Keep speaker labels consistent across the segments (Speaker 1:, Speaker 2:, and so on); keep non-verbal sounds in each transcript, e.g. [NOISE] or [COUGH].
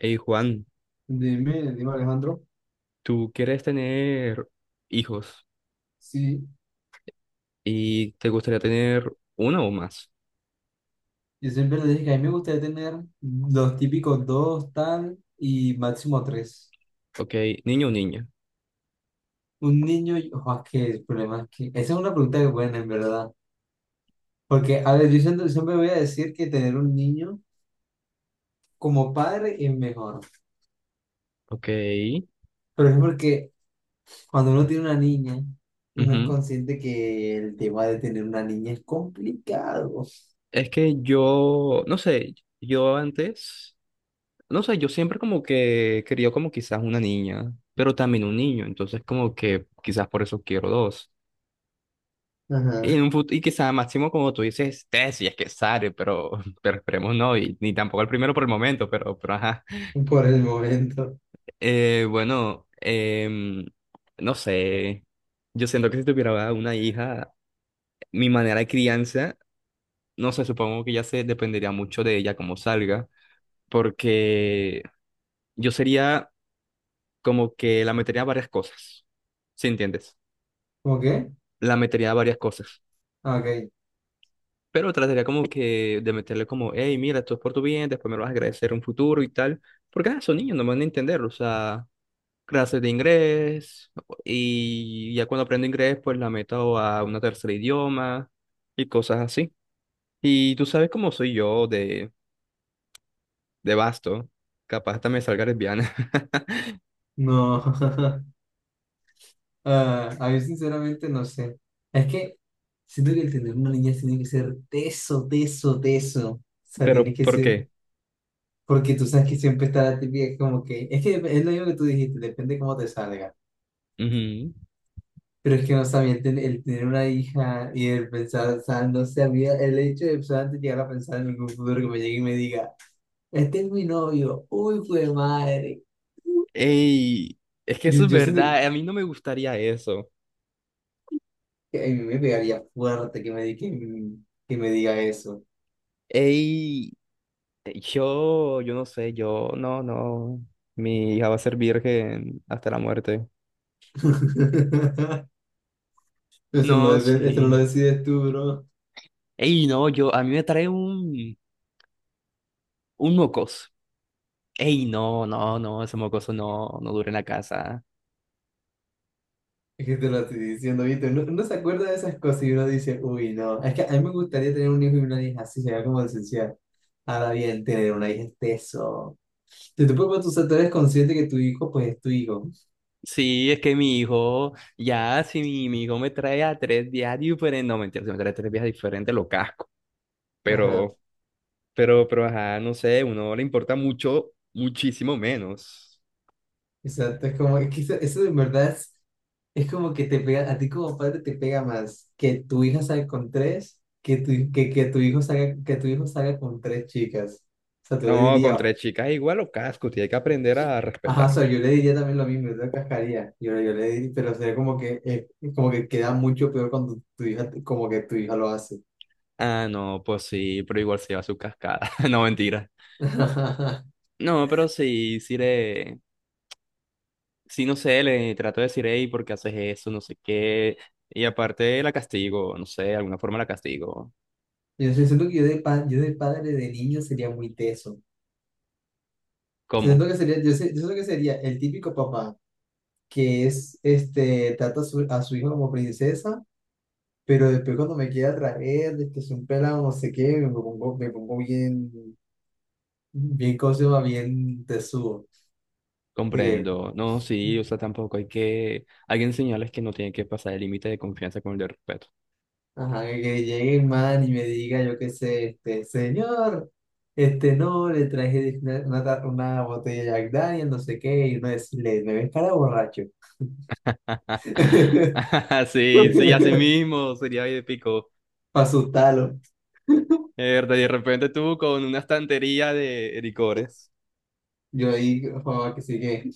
Speaker 1: Hey Juan,
Speaker 2: Dime, Alejandro.
Speaker 1: ¿tú quieres tener hijos
Speaker 2: Sí,
Speaker 1: y te gustaría tener uno o más?
Speaker 2: yo siempre le dije que a mí me gustaría tener los típicos dos, tal, y máximo tres.
Speaker 1: Ok, niño o niña.
Speaker 2: Un niño, ojo, es que el problema es que. Esa es una pregunta que buena, en verdad. Porque, a ver, yo siempre voy a decir que tener un niño como padre es mejor.
Speaker 1: Ok.
Speaker 2: Pero es porque cuando uno tiene una niña, uno es
Speaker 1: Ujú.
Speaker 2: consciente que el tema de tener una niña es complicado.
Speaker 1: Es que yo, no sé, yo antes, no sé, yo siempre como que quería como quizás una niña, pero también un niño, entonces como que quizás por eso quiero dos.
Speaker 2: Ajá,
Speaker 1: Y, y quizás máximo como tú dices, tres, si es que sale, pero, [LAUGHS] pero esperemos no, y ni tampoco el primero por el momento, pero ajá.
Speaker 2: por el momento.
Speaker 1: Eh, bueno, em, no sé. Yo siento que si tuviera una hija, mi manera de crianza, no sé, supongo que ya se dependería mucho de ella como salga, porque yo sería como que la metería a varias cosas, ¿sí entiendes?
Speaker 2: ¿Cómo qué?
Speaker 1: La metería a varias cosas,
Speaker 2: Ah, ok,
Speaker 1: pero trataría como que de meterle como, hey, mira, esto es por tu bien, después me lo vas a agradecer en un futuro y tal, porque son niños, no van a entender, o sea, clases de inglés y ya cuando aprendo inglés pues la meto a una tercera idioma y cosas así. Y tú sabes cómo soy yo de vasto, capaz hasta me salga lesbiana,
Speaker 2: no. [LAUGHS] Ah, a mí sinceramente no sé. Es que siento que el tener una niña tiene que ser teso, teso, teso. O
Speaker 1: [LAUGHS]
Speaker 2: sea,
Speaker 1: pero
Speaker 2: tiene que
Speaker 1: ¿por
Speaker 2: ser,
Speaker 1: qué?
Speaker 2: porque tú sabes que siempre está la típica como que es lo mismo que tú dijiste, depende cómo te salga.
Speaker 1: Ujú.
Speaker 2: Pero es que no también el tener una hija y el pensar, o sea, no sé, a mí el hecho de pues, antes llegar a pensar en algún futuro que me llegue y me diga, este es mi novio, uy, fue madre.
Speaker 1: Ey, es que
Speaker 2: Yo,
Speaker 1: eso es
Speaker 2: yo siento
Speaker 1: verdad, a mí no me gustaría eso.
Speaker 2: que a mí me pegaría fuerte que me diga eso.
Speaker 1: Ey, yo no sé, yo, no, no, mi hija va a ser virgen hasta la muerte.
Speaker 2: [LAUGHS] Eso no,
Speaker 1: No,
Speaker 2: eso no lo
Speaker 1: sí.
Speaker 2: decides tú, bro.
Speaker 1: Ey, no, yo, a mí me trae un mocos. Ey, no, no, no, ese mocoso no, no dura en la casa.
Speaker 2: Es que te lo estoy diciendo, ¿viste? Uno se acuerda de esas cosas y uno dice, uy, no. Es que a mí me gustaría tener un hijo y una hija así, sería como esencial. Ahora bien, tener una hija es eso. Te puedes tú, o sea, tú eres consciente que tu hijo, pues es tu hijo.
Speaker 1: Sí, es que mi hijo, ya, si mi hijo me trae a tres días diferentes, no, mentira, si me trae tres días diferentes, lo casco.
Speaker 2: Ajá.
Speaker 1: Pero, pero, ajá, no sé, uno le importa mucho, muchísimo menos.
Speaker 2: Exacto, es como, es que eso de verdad es como que te pega, a ti como padre te pega más que tu hija salga con tres, que tu hijo salga, que tu hijo salga con tres chicas. O sea, te lo
Speaker 1: No, con
Speaker 2: diría.
Speaker 1: tres chicas igual lo casco, tiene que aprender a
Speaker 2: Ajá, o
Speaker 1: respetar.
Speaker 2: sea, yo le diría también lo mismo, yo te cascaría. Yo le diría, pero sería como que queda mucho peor cuando tu hija, como que tu hija lo hace.
Speaker 1: Ah, no, pues sí, pero igual se lleva su cascada. [LAUGHS] No, mentira.
Speaker 2: [LAUGHS]
Speaker 1: No, pero sí, sí le, sí, no sé, le trato de decir, hey, ¿por qué haces eso? No sé qué. Y aparte la castigo, no sé, de alguna forma la castigo.
Speaker 2: Yo sí siento que yo yo de padre de niño sería muy teso.
Speaker 1: ¿Cómo?
Speaker 2: Siento que sería, yo siento que sería el típico papá que es, este, trata a su hijo como princesa, pero después cuando me quiere atraer, de que es un pelado, no sé qué, me pongo bien, bien, ¿cómo se llama? Bien tesudo. De que,
Speaker 1: Comprendo. No, sí, o sea, tampoco hay que... Hay que enseñarles que no tiene que pasar el límite de confianza con el de respeto.
Speaker 2: ajá, que llegue el man y me diga, yo qué sé, este, señor, este, no, le traje una botella de Jack Daniel, no sé qué, y uno decirle, me ves cara de borracho.
Speaker 1: [LAUGHS]
Speaker 2: [LAUGHS]
Speaker 1: Sí, sí, así
Speaker 2: Para
Speaker 1: mismo sería épico.
Speaker 2: asustarlo.
Speaker 1: De repente tú con una estantería de licores.
Speaker 2: Yo ahí, joder,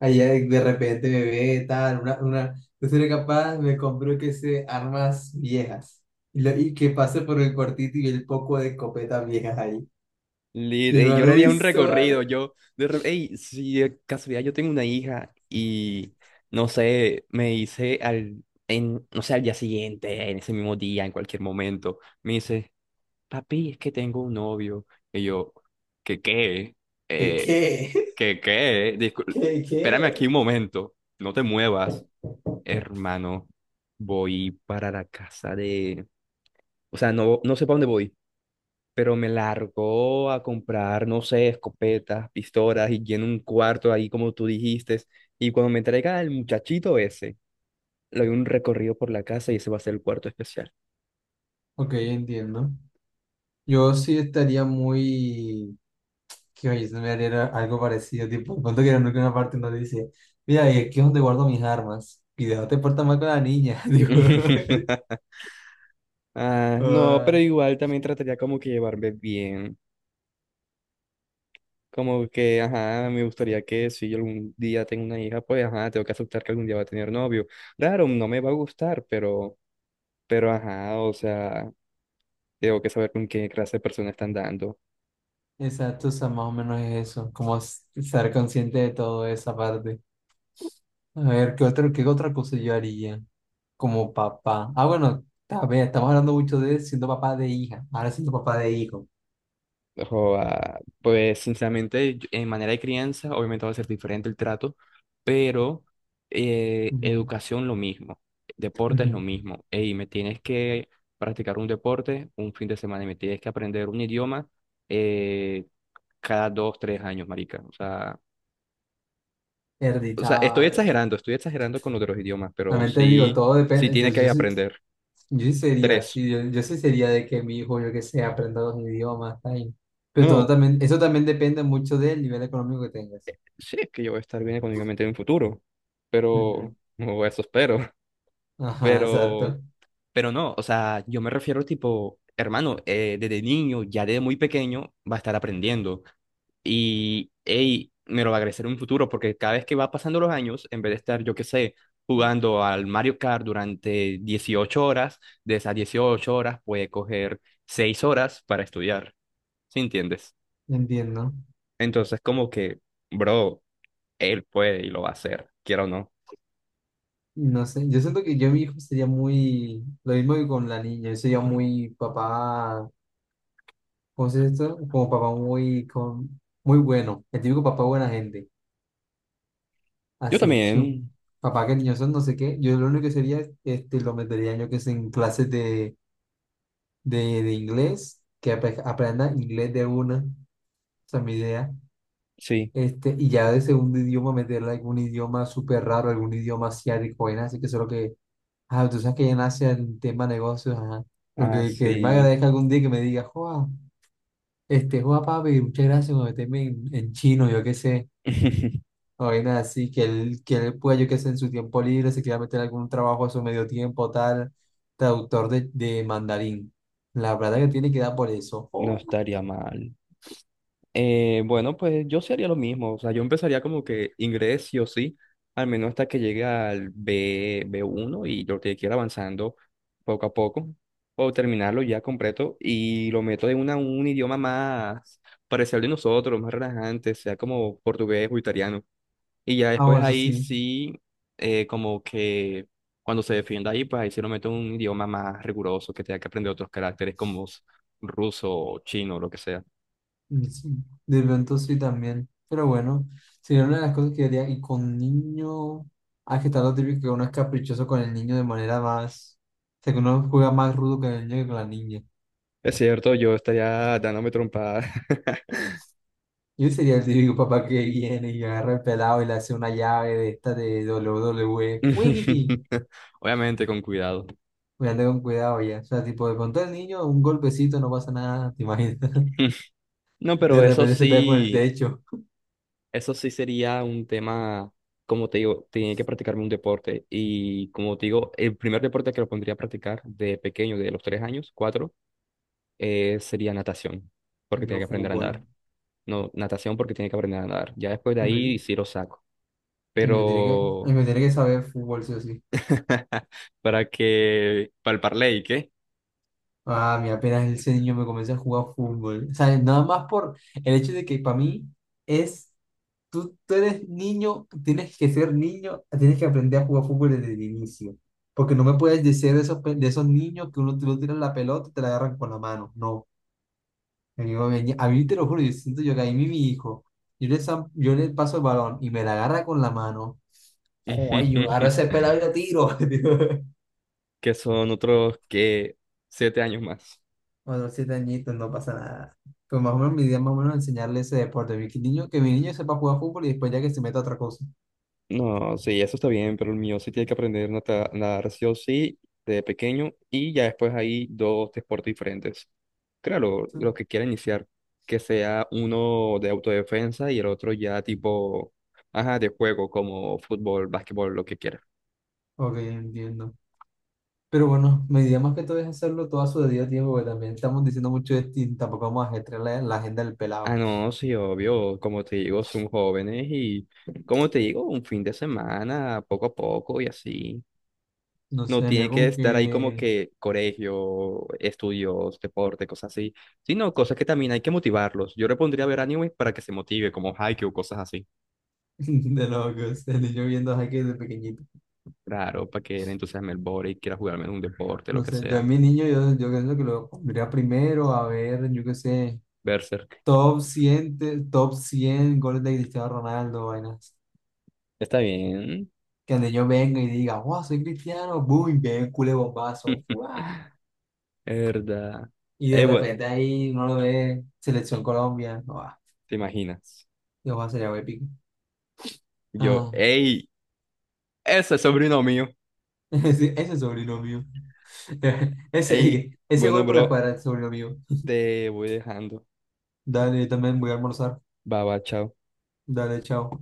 Speaker 2: allá de repente me ve, tal, yo seré capaz, me compró, que sé, armas viejas. Y, y que pase por el cuartito y el poco de escopetas viejas ahí.
Speaker 1: Lit,
Speaker 2: Y el
Speaker 1: ey,
Speaker 2: man,
Speaker 1: yo le haría
Speaker 2: uy,
Speaker 1: un
Speaker 2: son,
Speaker 1: recorrido, ey, si de casualidad yo tengo una hija y, no sé, me dice al, en, no sé, al día siguiente, en ese mismo día, en cualquier momento, me dice, papi, es que tengo un novio, y yo, ¿qué qué?
Speaker 2: ¿qué,
Speaker 1: Eh,
Speaker 2: qué?
Speaker 1: ¿Qué qué?
Speaker 2: [LAUGHS] ¿Qué,
Speaker 1: Espérame aquí
Speaker 2: qué?
Speaker 1: un momento, no te muevas, hermano, voy para la casa de, o sea, no, no sé para dónde voy pero me largó a comprar, no sé, escopetas, pistolas y lleno un cuarto ahí como tú dijiste. Y cuando me traiga el muchachito ese, le doy un recorrido por la casa y ese va a ser el cuarto especial.
Speaker 2: Ok, entiendo. Yo sí estaría Que oye, se me haría algo parecido, tipo, cuando que nunca una parte nos dice, mira, y aquí es donde guardo mis armas. Cuidado, te portas mal con la niña. [LAUGHS] Digo,
Speaker 1: [LAUGHS] Ah, no, pero
Speaker 2: ah,
Speaker 1: igual también trataría como que llevarme bien. Como que, ajá, me gustaría que si yo algún día tengo una hija, pues, ajá, tengo que aceptar que algún día va a tener novio. Claro, no me va a gustar, pero, ajá, o sea, tengo que saber con qué clase de persona están dando.
Speaker 2: exacto, o sea, más o menos es eso, como estar consciente de toda esa parte. A ver, ¿qué otra cosa yo haría como papá? Ah, bueno, a ver, estamos hablando mucho de siendo papá de hija, ahora siendo papá de hijo.
Speaker 1: Joa, pues sinceramente, en manera de crianza, obviamente va a ser diferente el trato, pero
Speaker 2: Ujú,
Speaker 1: educación lo mismo, deporte es lo
Speaker 2: ujú.
Speaker 1: mismo. Ey, me tienes que practicar un deporte un fin de semana y me tienes que aprender un idioma eh, cada dos, tres años, marica. O sea,
Speaker 2: Hereditario.
Speaker 1: estoy exagerando con lo de los idiomas, pero
Speaker 2: También te digo,
Speaker 1: sí,
Speaker 2: todo
Speaker 1: sí
Speaker 2: depende.
Speaker 1: tiene que aprender
Speaker 2: Yo sí sería
Speaker 1: tres.
Speaker 2: de que mi hijo, yo que sé, aprenda los idiomas, tal.
Speaker 1: No,
Speaker 2: Pero todo
Speaker 1: no,
Speaker 2: también, eso también depende mucho del nivel económico que tengas.
Speaker 1: sí es que yo voy a estar bien económicamente en un futuro, pero
Speaker 2: Ujú.
Speaker 1: [LAUGHS] o eso espero.
Speaker 2: Ajá,
Speaker 1: Pero,
Speaker 2: exacto.
Speaker 1: pero no, o sea, yo me refiero tipo, hermano, desde niño, ya desde muy pequeño, va a estar aprendiendo. Y, ey, me lo va a agradecer en un futuro, porque cada vez que va pasando los años, en vez de estar, yo qué sé, jugando al Mario Kart durante 18 horas, de esas 18 horas puede coger 6 horas para estudiar, ¿sí entiendes?
Speaker 2: Entiendo.
Speaker 1: Entonces, como que, bro, él puede y lo va a hacer, quiero o no.
Speaker 2: No sé, yo siento que yo y mi hijo sería muy, lo mismo que con la niña, yo sería muy papá, ¿cómo se dice esto? Como papá muy, con, muy bueno, el típico papá buena gente,
Speaker 1: Yo
Speaker 2: así, su
Speaker 1: también,
Speaker 2: papá que niños son no sé qué, yo lo único que sería, este, lo metería yo que sé en clases de de inglés, que aprenda inglés de una, esa es mi idea.
Speaker 1: sí,
Speaker 2: Este, y ya de segundo idioma meterle algún idioma súper raro, algún idioma asiático, vaina, así que solo que, ah, tú sabes que ya en Asia el tema negocios, ajá, porque que él me
Speaker 1: así.
Speaker 2: agradezca algún día que me diga, joa, este, joa papi, muchas gracias por meterme en chino, yo qué sé,
Speaker 1: [LAUGHS]
Speaker 2: o vaina así, que él pueda, yo qué sé, en su tiempo libre, se quiera meter algún trabajo a su medio tiempo, tal, traductor de mandarín. La verdad que tiene que dar por eso.
Speaker 1: No estaría mal. Bueno, pues yo sí haría lo mismo. O sea, yo empezaría como que inglés sí o sí, al menos hasta que llegue al B1 y lo que quiera avanzando poco a poco. O terminarlo ya completo y lo meto en un idioma más parecido al de nosotros, más relajante, sea como portugués o italiano. Y ya
Speaker 2: Ah,
Speaker 1: después
Speaker 2: bueno, eso
Speaker 1: ahí
Speaker 2: sí.
Speaker 1: sí, como que cuando se defienda ahí, pues ahí sí lo meto en un idioma más riguroso, que tenga que aprender otros caracteres como ruso o chino o lo que sea.
Speaker 2: Sí, de pronto sí también. Pero bueno, sería una de las cosas que yo haría. Y con niño. Ah, que está lo típico que uno es caprichoso con el niño de manera más. O sea, que uno juega más rudo con el niño que con la niña.
Speaker 1: Es cierto, yo estaría dándome trompadas.
Speaker 2: Yo sería el típico papá que viene y agarra el pelado y le hace una llave de esta de WWE. ¡Fuigiti!
Speaker 1: [LAUGHS] Obviamente con cuidado.
Speaker 2: Voy anda con cuidado ya. O sea, tipo, de pronto el niño, un golpecito, no pasa nada, ¿te imaginas? [LAUGHS]
Speaker 1: [LAUGHS] No,
Speaker 2: De
Speaker 1: pero
Speaker 2: repente se pega con el techo.
Speaker 1: eso sí sería un tema, como te digo, tenía que practicarme un deporte y como te digo, el primer deporte que lo pondría a practicar de pequeño, de los 3 años, cuatro, sería natación, porque
Speaker 2: El
Speaker 1: tenía
Speaker 2: mío
Speaker 1: que aprender a
Speaker 2: fútbol.
Speaker 1: nadar. No, natación porque tiene que aprender a nadar. Ya después de ahí sí lo saco.
Speaker 2: Y me tiene que, y
Speaker 1: Pero
Speaker 2: me tiene que saber fútbol, sí o sí.
Speaker 1: [LAUGHS] para que, para el parley, ¿qué?
Speaker 2: Ah, mí apenas ese niño me comienza a jugar fútbol. O sea, nada más por el hecho de que para mí es, tú eres niño, tienes que ser niño, tienes que aprender a jugar fútbol desde el inicio. Porque no me puedes decir de esos, de esos niños que uno tú tiras la pelota y te la agarran con la mano. No. A mí, a mí te lo juro, yo siento yo que ahí mi hijo, yo le paso el balón y me la agarra con la mano. Joder, yo agarro ese
Speaker 1: [LAUGHS]
Speaker 2: pelado y lo tiro. [LAUGHS]
Speaker 1: Que son otros que 7 años más.
Speaker 2: O los 7 añitos, no pasa nada. Pues más o menos mi idea es más o menos enseñarle ese deporte. Mi niño, que mi niño sepa jugar fútbol y después ya que se meta a otra cosa.
Speaker 1: No, sí, eso está bien, pero el mío sí tiene que aprender nadar sí o sí de pequeño y ya después hay dos deportes diferentes. Claro, los que quiera iniciar, que sea uno de autodefensa y el otro ya tipo, ajá, de juego, como fútbol, básquetbol, lo que quiera.
Speaker 2: Ok, entiendo. Pero bueno, mi idea más que todo es hacerlo todo a su debido tiempo, porque también estamos diciendo mucho de y tampoco vamos a gestionar la agenda del
Speaker 1: Ah,
Speaker 2: pelado.
Speaker 1: no, sí, obvio, como te digo, son jóvenes y, como te digo, un fin de semana, poco a poco y así.
Speaker 2: No
Speaker 1: No
Speaker 2: sé,
Speaker 1: tiene
Speaker 2: yo
Speaker 1: que
Speaker 2: con
Speaker 1: estar ahí como
Speaker 2: que
Speaker 1: que colegio, estudios, deporte, cosas así, sino cosas que también hay que motivarlos. Yo le pondría a ver anime para que se motive, como Haikyuu, cosas así.
Speaker 2: [LAUGHS] de locos, el niño viendo a Jaque desde pequeñito.
Speaker 1: Claro, para que le entusiasme el body, quiera jugarme en un deporte, lo
Speaker 2: No
Speaker 1: que
Speaker 2: sé, yo a
Speaker 1: sea.
Speaker 2: mi niño, yo pienso que lo pondría primero a ver, yo qué sé,
Speaker 1: Berserk.
Speaker 2: top 100 goles de Cristiano Ronaldo, vainas.
Speaker 1: Está bien.
Speaker 2: Que donde yo venga y diga, wow, soy cristiano, boom, bien, culé bombazo, ¡fua!
Speaker 1: [LAUGHS] Verdad.
Speaker 2: Y
Speaker 1: Ey,
Speaker 2: de
Speaker 1: güey,
Speaker 2: repente ahí no lo ve Selección Colombia, no va,
Speaker 1: ¿te imaginas?
Speaker 2: yo va a ser algo épico.
Speaker 1: Yo,
Speaker 2: Ah,
Speaker 1: ey, ese es sobrino mío.
Speaker 2: [LAUGHS] ese es sobrino mío, [LAUGHS]
Speaker 1: Ey,
Speaker 2: ese
Speaker 1: bueno,
Speaker 2: gol por la
Speaker 1: bro,
Speaker 2: escuadra es sobrino mío.
Speaker 1: te voy dejando.
Speaker 2: Dale, yo también voy a almorzar,
Speaker 1: Baba, chao.
Speaker 2: dale, chao.